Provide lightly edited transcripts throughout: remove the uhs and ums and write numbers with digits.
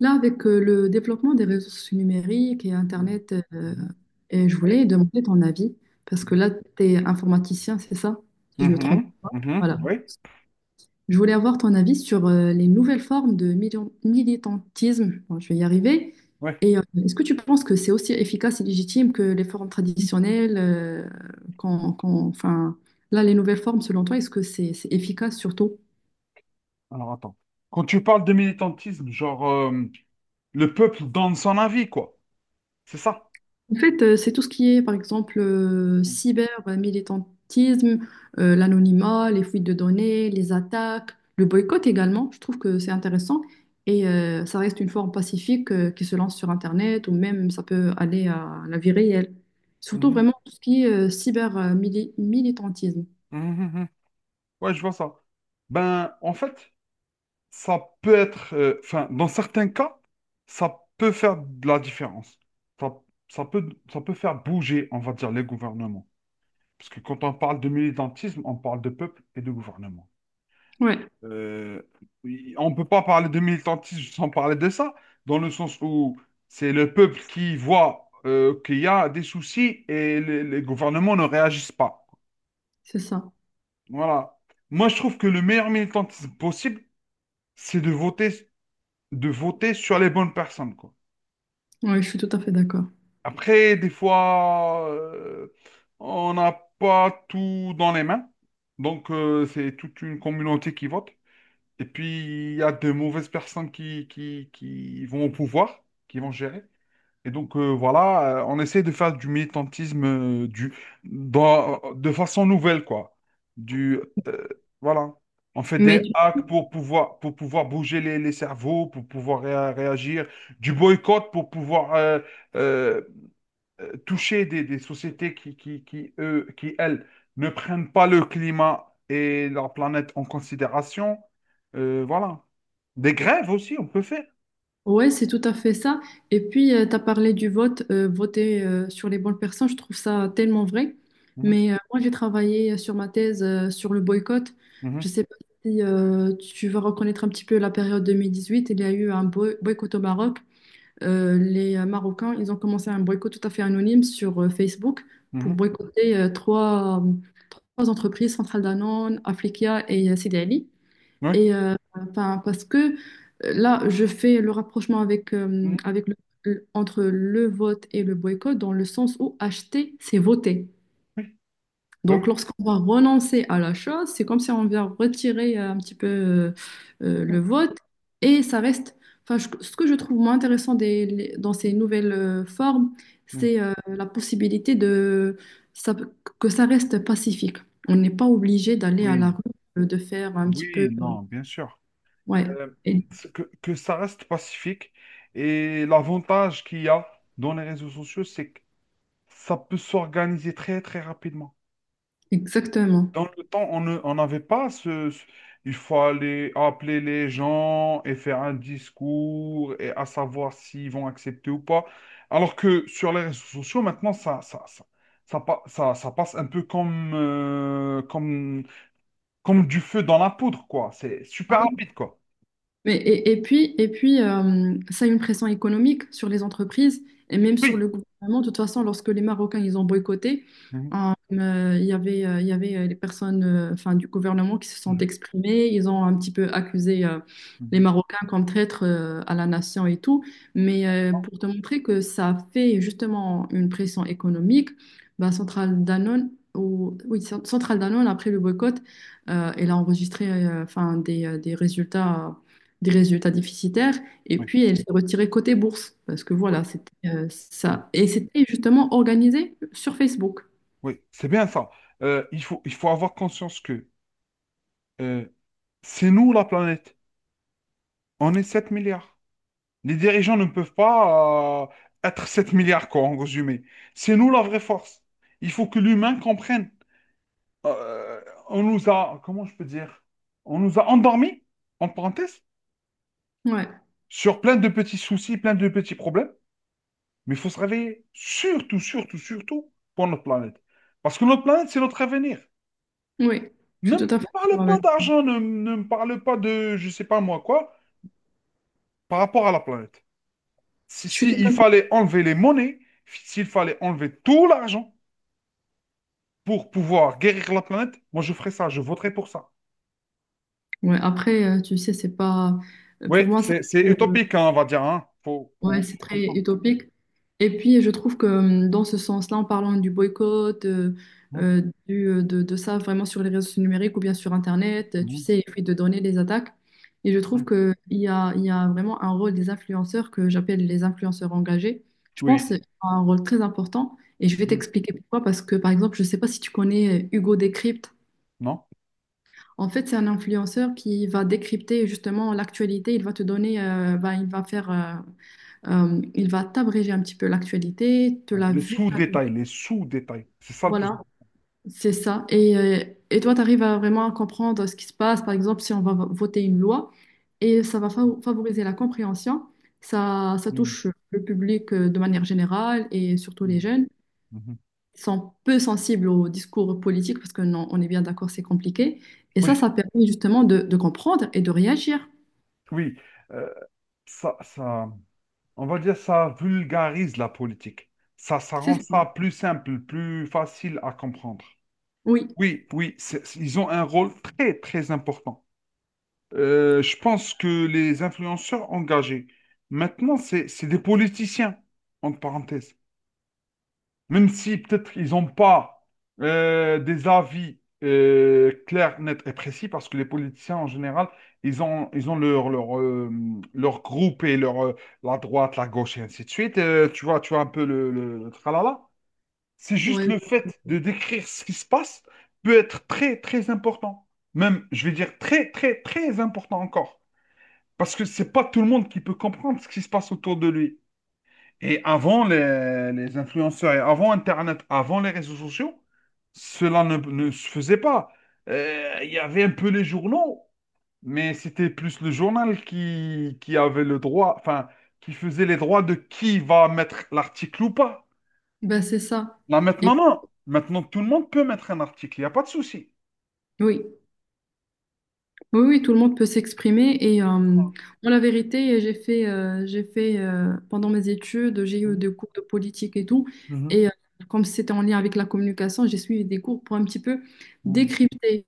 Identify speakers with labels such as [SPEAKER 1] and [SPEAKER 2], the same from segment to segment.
[SPEAKER 1] Là, avec le développement des réseaux sociaux numériques et
[SPEAKER 2] Mhm.
[SPEAKER 1] Internet,
[SPEAKER 2] Mhm.
[SPEAKER 1] et je
[SPEAKER 2] Oui.
[SPEAKER 1] voulais demander ton avis, parce que là, tu es informaticien, c'est ça? Si je me trompe.
[SPEAKER 2] Mhm, mhm,
[SPEAKER 1] Voilà.
[SPEAKER 2] oui,
[SPEAKER 1] Je voulais avoir ton avis sur les nouvelles formes de militantisme. Bon, je vais y arriver.
[SPEAKER 2] oui.
[SPEAKER 1] Et est-ce que tu penses que c'est aussi efficace et légitime que les formes traditionnelles enfin, là, les nouvelles formes, selon toi, est-ce que c'est efficace surtout?
[SPEAKER 2] Alors attends. Quand tu parles de militantisme, genre le peuple donne son avis, quoi. C'est ça.
[SPEAKER 1] En fait, c'est tout ce qui est, par exemple,
[SPEAKER 2] Mhm,
[SPEAKER 1] cyber, militantisme, l'anonymat, les fuites de données, les attaques, le boycott également. Je trouve que c'est intéressant et ça reste une forme pacifique qui se lance sur Internet ou même ça peut aller à la vie réelle. Surtout
[SPEAKER 2] mhm,
[SPEAKER 1] vraiment tout ce qui est cyber militantisme.
[SPEAKER 2] mhm. Mhm. Ouais, je vois ça. Ben, en fait, ça peut être, enfin, dans certains cas, ça peut faire de la différence. Ça, ça peut faire bouger, on va dire, les gouvernements. Parce que quand on parle de militantisme, on parle de peuple et de gouvernement.
[SPEAKER 1] Ouais,
[SPEAKER 2] Euh, oui, on ne peut pas parler de militantisme sans parler de ça, dans le sens où c'est le peuple qui voit qu'il y a des soucis et les gouvernements ne réagissent pas.
[SPEAKER 1] c'est ça.
[SPEAKER 2] Voilà. Moi, je trouve que le meilleur militantisme possible, c'est de voter sur les bonnes personnes, quoi.
[SPEAKER 1] Ouais, je suis tout à fait d'accord.
[SPEAKER 2] Après, des fois, on n'a pas tout dans les mains, donc c'est toute une communauté qui vote. Et puis, il y a de mauvaises personnes qui vont au pouvoir, qui vont gérer. Et donc, voilà, on essaie de faire du militantisme euh, du, de façon nouvelle, quoi. Du, euh, voilà. On fait des
[SPEAKER 1] Mais
[SPEAKER 2] hacks pour pouvoir bouger les cerveaux, pour pouvoir réagir, du boycott pour pouvoir euh, toucher des sociétés qui, eux, qui, elles, ne prennent pas le climat et leur planète en considération. Voilà. Des grèves aussi, on peut faire.
[SPEAKER 1] ouais, c'est tout à fait ça. Et puis, tu as parlé du vote, voter sur les bonnes personnes, je trouve ça tellement vrai.
[SPEAKER 2] Mhm,
[SPEAKER 1] Mais moi, j'ai travaillé sur ma thèse sur le boycott.
[SPEAKER 2] mhm,
[SPEAKER 1] Je sais pas si tu vas reconnaître un petit peu la période 2018. Il y a eu un boycott au Maroc. Les Marocains, ils ont commencé un boycott tout à fait anonyme sur Facebook pour
[SPEAKER 2] mhm.
[SPEAKER 1] boycotter trois entreprises, Centrale Danone, Africa et Sidi Ali.
[SPEAKER 2] Oui,
[SPEAKER 1] Et enfin, parce que là, je fais le rapprochement avec,
[SPEAKER 2] mhm,
[SPEAKER 1] avec entre le vote et le boycott dans le sens où acheter, c'est voter.
[SPEAKER 2] oui, bah oui.
[SPEAKER 1] Donc, lorsqu'on va renoncer à la chose, c'est comme si on vient retirer un petit peu le vote et ça reste. Enfin, ce que je trouve moins intéressant dans ces nouvelles formes,
[SPEAKER 2] Mhm,
[SPEAKER 1] c'est la possibilité de ça- que ça reste pacifique. On n'est pas obligé d'aller à la
[SPEAKER 2] oui,
[SPEAKER 1] rue, de faire un petit
[SPEAKER 2] oui,
[SPEAKER 1] peu.
[SPEAKER 2] non, bien sûr.
[SPEAKER 1] Ouais.
[SPEAKER 2] Euh, c'est que ça reste pacifique. Et l'avantage qu'il y a dans les réseaux sociaux, c'est que ça peut s'organiser très, très rapidement.
[SPEAKER 1] Exactement.
[SPEAKER 2] Dans le temps, on n'avait pas ce. Il faut aller appeler les gens et faire un discours et à savoir s'ils vont accepter ou pas. Alors que sur les réseaux sociaux, maintenant, ça passe un peu comme du feu dans la poudre, quoi. C'est
[SPEAKER 1] Ah
[SPEAKER 2] super
[SPEAKER 1] oui,
[SPEAKER 2] rapide, quoi.
[SPEAKER 1] mais, et puis ça a une pression économique sur les entreprises et même sur le
[SPEAKER 2] Oui.
[SPEAKER 1] gouvernement. De toute façon, lorsque les Marocains ils ont boycotté,
[SPEAKER 2] Mhm,
[SPEAKER 1] il y avait, les personnes enfin, du gouvernement qui se sont
[SPEAKER 2] mhm,
[SPEAKER 1] exprimées. Ils ont un petit peu accusé les
[SPEAKER 2] mhm.
[SPEAKER 1] Marocains comme traîtres à la nation et tout. Mais pour te montrer que ça fait justement une pression économique, bah, oui, Centrale Danone, après le boycott, elle a enregistré enfin, des résultats déficitaires, et
[SPEAKER 2] Oui,
[SPEAKER 1] puis elle s'est retirée côté bourse, parce que voilà,
[SPEAKER 2] oui,
[SPEAKER 1] c'était
[SPEAKER 2] oui,
[SPEAKER 1] ça. Et c'était justement organisé sur Facebook.
[SPEAKER 2] oui. C'est bien ça. Il faut avoir conscience que euh, c'est nous, la planète. On est 7 milliards. Les dirigeants ne peuvent pas être 7 milliards, quoi, en résumé. C'est nous la vraie force. Il faut que l'humain comprenne. Euh, on nous a, comment je peux dire, on nous a endormis, en parenthèse,
[SPEAKER 1] Ouais,
[SPEAKER 2] sur plein de petits soucis, plein de petits problèmes. Mais il faut se réveiller, surtout, surtout, surtout, pour notre planète. Parce que notre planète, c'est notre avenir.
[SPEAKER 1] oui, je suis
[SPEAKER 2] Ne me
[SPEAKER 1] tout à fait d'accord
[SPEAKER 2] parle pas
[SPEAKER 1] avec.
[SPEAKER 2] d'argent, ne me parle pas de, je sais pas moi quoi, par rapport à la planète. Si,
[SPEAKER 1] Je suis
[SPEAKER 2] si
[SPEAKER 1] tout à
[SPEAKER 2] il
[SPEAKER 1] fait.
[SPEAKER 2] fallait enlever les monnaies, s'il fallait enlever tout l'argent, pour pouvoir guérir la planète, moi je ferai ça, je voterai pour ça.
[SPEAKER 1] Ouais, après, tu sais, c'est pas.
[SPEAKER 2] Oui,
[SPEAKER 1] Pour moi, ça.
[SPEAKER 2] c'est utopique, hein, on va dire. Hein. Faut
[SPEAKER 1] Ouais, c'est très
[SPEAKER 2] comprendre.
[SPEAKER 1] utopique. Et puis, je trouve que dans ce sens-là, en parlant du boycott,
[SPEAKER 2] Hein,
[SPEAKER 1] de ça vraiment sur les réseaux numériques ou bien sur Internet, tu
[SPEAKER 2] hein,
[SPEAKER 1] sais, les fuites de donner les attaques. Et je trouve
[SPEAKER 2] hein.
[SPEAKER 1] qu'il y a vraiment un rôle des influenceurs que j'appelle les influenceurs engagés. Je pense qu'ils
[SPEAKER 2] Oui.
[SPEAKER 1] ont un rôle très important. Et je vais
[SPEAKER 2] Hein.
[SPEAKER 1] t'expliquer pourquoi. Parce que, par exemple, je ne sais pas si tu connais Hugo Décrypte.
[SPEAKER 2] Non?
[SPEAKER 1] En fait, c'est un influenceur qui va décrypter justement l'actualité. Il va te donner, bah, il va faire. Il va t'abréger un petit peu l'actualité, te
[SPEAKER 2] Ouais.
[SPEAKER 1] la
[SPEAKER 2] Les
[SPEAKER 1] vulgariser.
[SPEAKER 2] sous-détails, les sous-détails. C'est ça le plus.
[SPEAKER 1] Voilà, c'est ça. Et toi, tu arrives à vraiment comprendre ce qui se passe. Par exemple, si on va voter une loi, et ça va favoriser la compréhension. Ça
[SPEAKER 2] Hmm,
[SPEAKER 1] touche le public de manière générale et surtout les
[SPEAKER 2] hmm,
[SPEAKER 1] jeunes.
[SPEAKER 2] mhm. Mhm.
[SPEAKER 1] Ils sont peu sensibles au discours politique parce que non, on est bien d'accord, c'est compliqué. Et ça,
[SPEAKER 2] Oui,
[SPEAKER 1] ça permet justement de comprendre et de réagir.
[SPEAKER 2] oui. Euh, ça, ça, on va dire ça vulgarise la politique. Ça
[SPEAKER 1] C'est
[SPEAKER 2] rend
[SPEAKER 1] ça.
[SPEAKER 2] ça plus simple, plus facile à comprendre.
[SPEAKER 1] Oui.
[SPEAKER 2] Oui, oui, ils ont un rôle très, très important. Je pense que les influenceurs engagés, maintenant, c'est des politiciens, entre parenthèses. Même si peut-être ils n'ont pas des avis clairs, nets et précis, parce que les politiciens, en général, ils ont leur leur groupe et la droite, la gauche, et ainsi de suite. Tu vois, tu vois un peu le tralala. C'est juste
[SPEAKER 1] Ouais.
[SPEAKER 2] le fait de décrire ce qui se passe peut être très, très important. Même, je vais dire, très, très, très important encore. Parce que c'est pas tout le monde qui peut comprendre ce qui se passe autour de lui. Et avant les influenceurs, et avant Internet, avant les réseaux sociaux, cela ne se faisait pas. Il y avait un peu les journaux, mais c'était plus le journal qui avait le droit, enfin, qui faisait les droits de qui va mettre l'article ou pas.
[SPEAKER 1] Ben, c'est ça.
[SPEAKER 2] Là,
[SPEAKER 1] Et,
[SPEAKER 2] maintenant, non. Maintenant, tout le monde peut mettre un article. Il n'y a pas de souci.
[SPEAKER 1] oui. Oui, oui, tout le monde peut s'exprimer et
[SPEAKER 2] Ah.
[SPEAKER 1] moi, la vérité, j'ai fait pendant mes études, j'ai eu
[SPEAKER 2] Mhm.
[SPEAKER 1] des cours de politique et tout
[SPEAKER 2] Mhm.
[SPEAKER 1] et comme c'était en lien avec la communication, j'ai suivi des cours pour un petit peu décrypter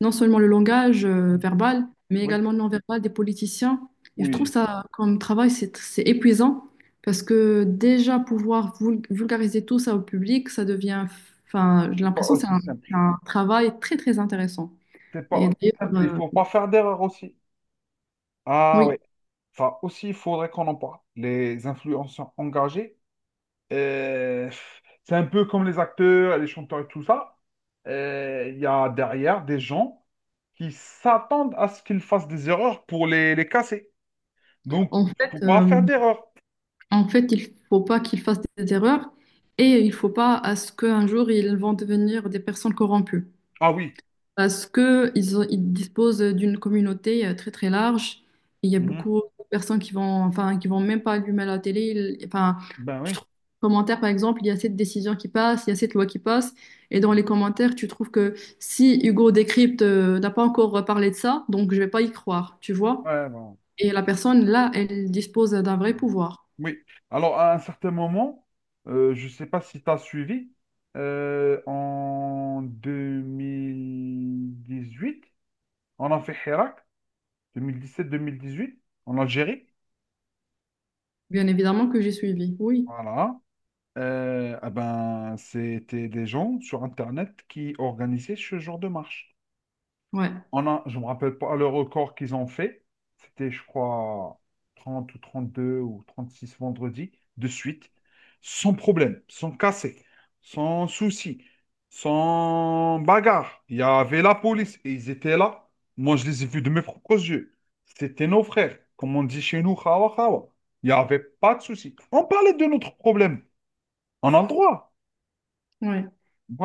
[SPEAKER 1] non seulement le langage
[SPEAKER 2] Mhm.
[SPEAKER 1] verbal, mais
[SPEAKER 2] Oui,
[SPEAKER 1] également le non-verbal des politiciens. Et je trouve
[SPEAKER 2] oui.
[SPEAKER 1] ça comme travail, c'est épuisant parce que déjà pouvoir vulgariser tout ça au public, ça devient, enfin, j'ai
[SPEAKER 2] C'est pas
[SPEAKER 1] l'impression que
[SPEAKER 2] aussi simple.
[SPEAKER 1] c'est un travail très, très intéressant.
[SPEAKER 2] C'est pas
[SPEAKER 1] Et
[SPEAKER 2] aussi simple, il
[SPEAKER 1] d'ailleurs,
[SPEAKER 2] faut
[SPEAKER 1] euh,
[SPEAKER 2] pas faire d'erreur aussi. Ah
[SPEAKER 1] oui.
[SPEAKER 2] oui, ça aussi, il faudrait qu'on en parle. Les influenceurs engagés, euh, c'est un peu comme les acteurs, les chanteurs et tout ça. Il y a derrière des gens qui s'attendent à ce qu'ils fassent des erreurs pour les casser. Donc,
[SPEAKER 1] En fait,
[SPEAKER 2] faut pas
[SPEAKER 1] euh,
[SPEAKER 2] faire d'erreur.
[SPEAKER 1] en fait, il faut pas qu'ils fassent des erreurs et il faut pas à ce qu'un jour ils vont devenir des personnes corrompues
[SPEAKER 2] Ah oui.
[SPEAKER 1] parce que ils disposent d'une communauté très très large. Il y a
[SPEAKER 2] Mhm.
[SPEAKER 1] beaucoup de personnes qui vont, enfin, qui vont même pas allumer la télé. Enfin,
[SPEAKER 2] Ben
[SPEAKER 1] tu
[SPEAKER 2] oui.
[SPEAKER 1] trouves dans les commentaires par exemple, il y a cette décision qui passe, il y a cette loi qui passe et dans les commentaires tu trouves que si Hugo Décrypte n'a pas encore parlé de ça, donc je vais pas y croire, tu vois?
[SPEAKER 2] Ouais, bon.
[SPEAKER 1] Et la personne là, elle dispose d'un vrai pouvoir.
[SPEAKER 2] Oui. Alors, à un certain moment, je ne sais pas si tu as suivi, en 2018, on a fait Hirak, 2017-2018, en Algérie.
[SPEAKER 1] Bien évidemment que j'ai suivi, oui,
[SPEAKER 2] Voilà. Ah ben, c'était des gens sur Internet qui organisaient ce genre de marche.
[SPEAKER 1] ouais,
[SPEAKER 2] Je ne me rappelle pas le record qu'ils ont fait. C'était, je crois, 30 ou 32 ou 36 vendredis de suite, sans problème, sans casser, sans souci, sans bagarre. Il y avait la police et ils étaient là. Moi, je les ai vus de mes propres yeux. C'était nos frères, comme on dit chez nous, khawa khawa. Il n'y avait pas de souci. On parlait de notre problème. On a le droit.
[SPEAKER 1] ouais.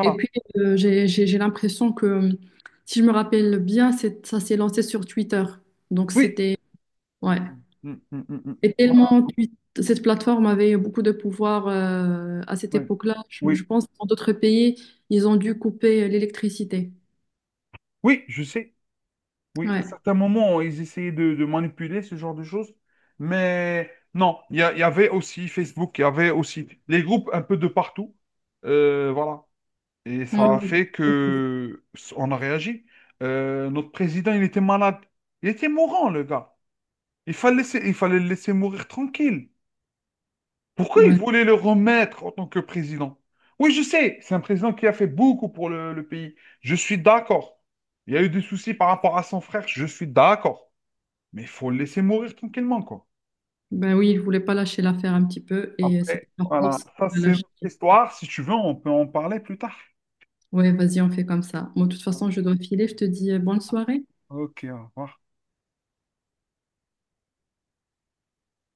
[SPEAKER 1] Et puis j'ai l'impression que si je me rappelle bien, ça s'est lancé sur Twitter. Donc
[SPEAKER 2] Oui.
[SPEAKER 1] c'était ouais.
[SPEAKER 2] Mm, mm, mm, mm, mm.
[SPEAKER 1] Et
[SPEAKER 2] Voilà.
[SPEAKER 1] tellement cette plateforme avait beaucoup de pouvoir à cette
[SPEAKER 2] Ouais.
[SPEAKER 1] époque-là. Je
[SPEAKER 2] Oui.
[SPEAKER 1] pense que dans d'autres pays, ils ont dû couper l'électricité.
[SPEAKER 2] Oui, je sais. Oui, à
[SPEAKER 1] Ouais.
[SPEAKER 2] certains moments, ils essayaient de manipuler ce genre de choses. Mais non, il y avait aussi Facebook, il y avait aussi les groupes un peu de partout. Voilà. Et
[SPEAKER 1] Ouais,
[SPEAKER 2] ça a
[SPEAKER 1] ouais.
[SPEAKER 2] fait que on a réagi. Notre président, il était malade. Il était mourant, le gars. Il fallait le laisser mourir tranquille. Pourquoi il
[SPEAKER 1] Ouais.
[SPEAKER 2] voulait le remettre en tant que président? Oui, je sais, c'est un président qui a fait beaucoup pour le pays. Je suis d'accord. Il y a eu des soucis par rapport à son frère, je suis d'accord. Mais il faut le laisser mourir tranquillement, quoi.
[SPEAKER 1] Ben oui, ils ne voulaient pas lâcher l'affaire un petit peu et c'était
[SPEAKER 2] Après,
[SPEAKER 1] par
[SPEAKER 2] voilà,
[SPEAKER 1] force
[SPEAKER 2] ça
[SPEAKER 1] qu'on a
[SPEAKER 2] c'est
[SPEAKER 1] lâché.
[SPEAKER 2] notre histoire. Si tu veux, on peut en parler plus tard.
[SPEAKER 1] Ouais, vas-y, on fait comme ça. Moi, de toute façon, je dois filer. Je te dis bonne soirée.
[SPEAKER 2] Ok, au revoir.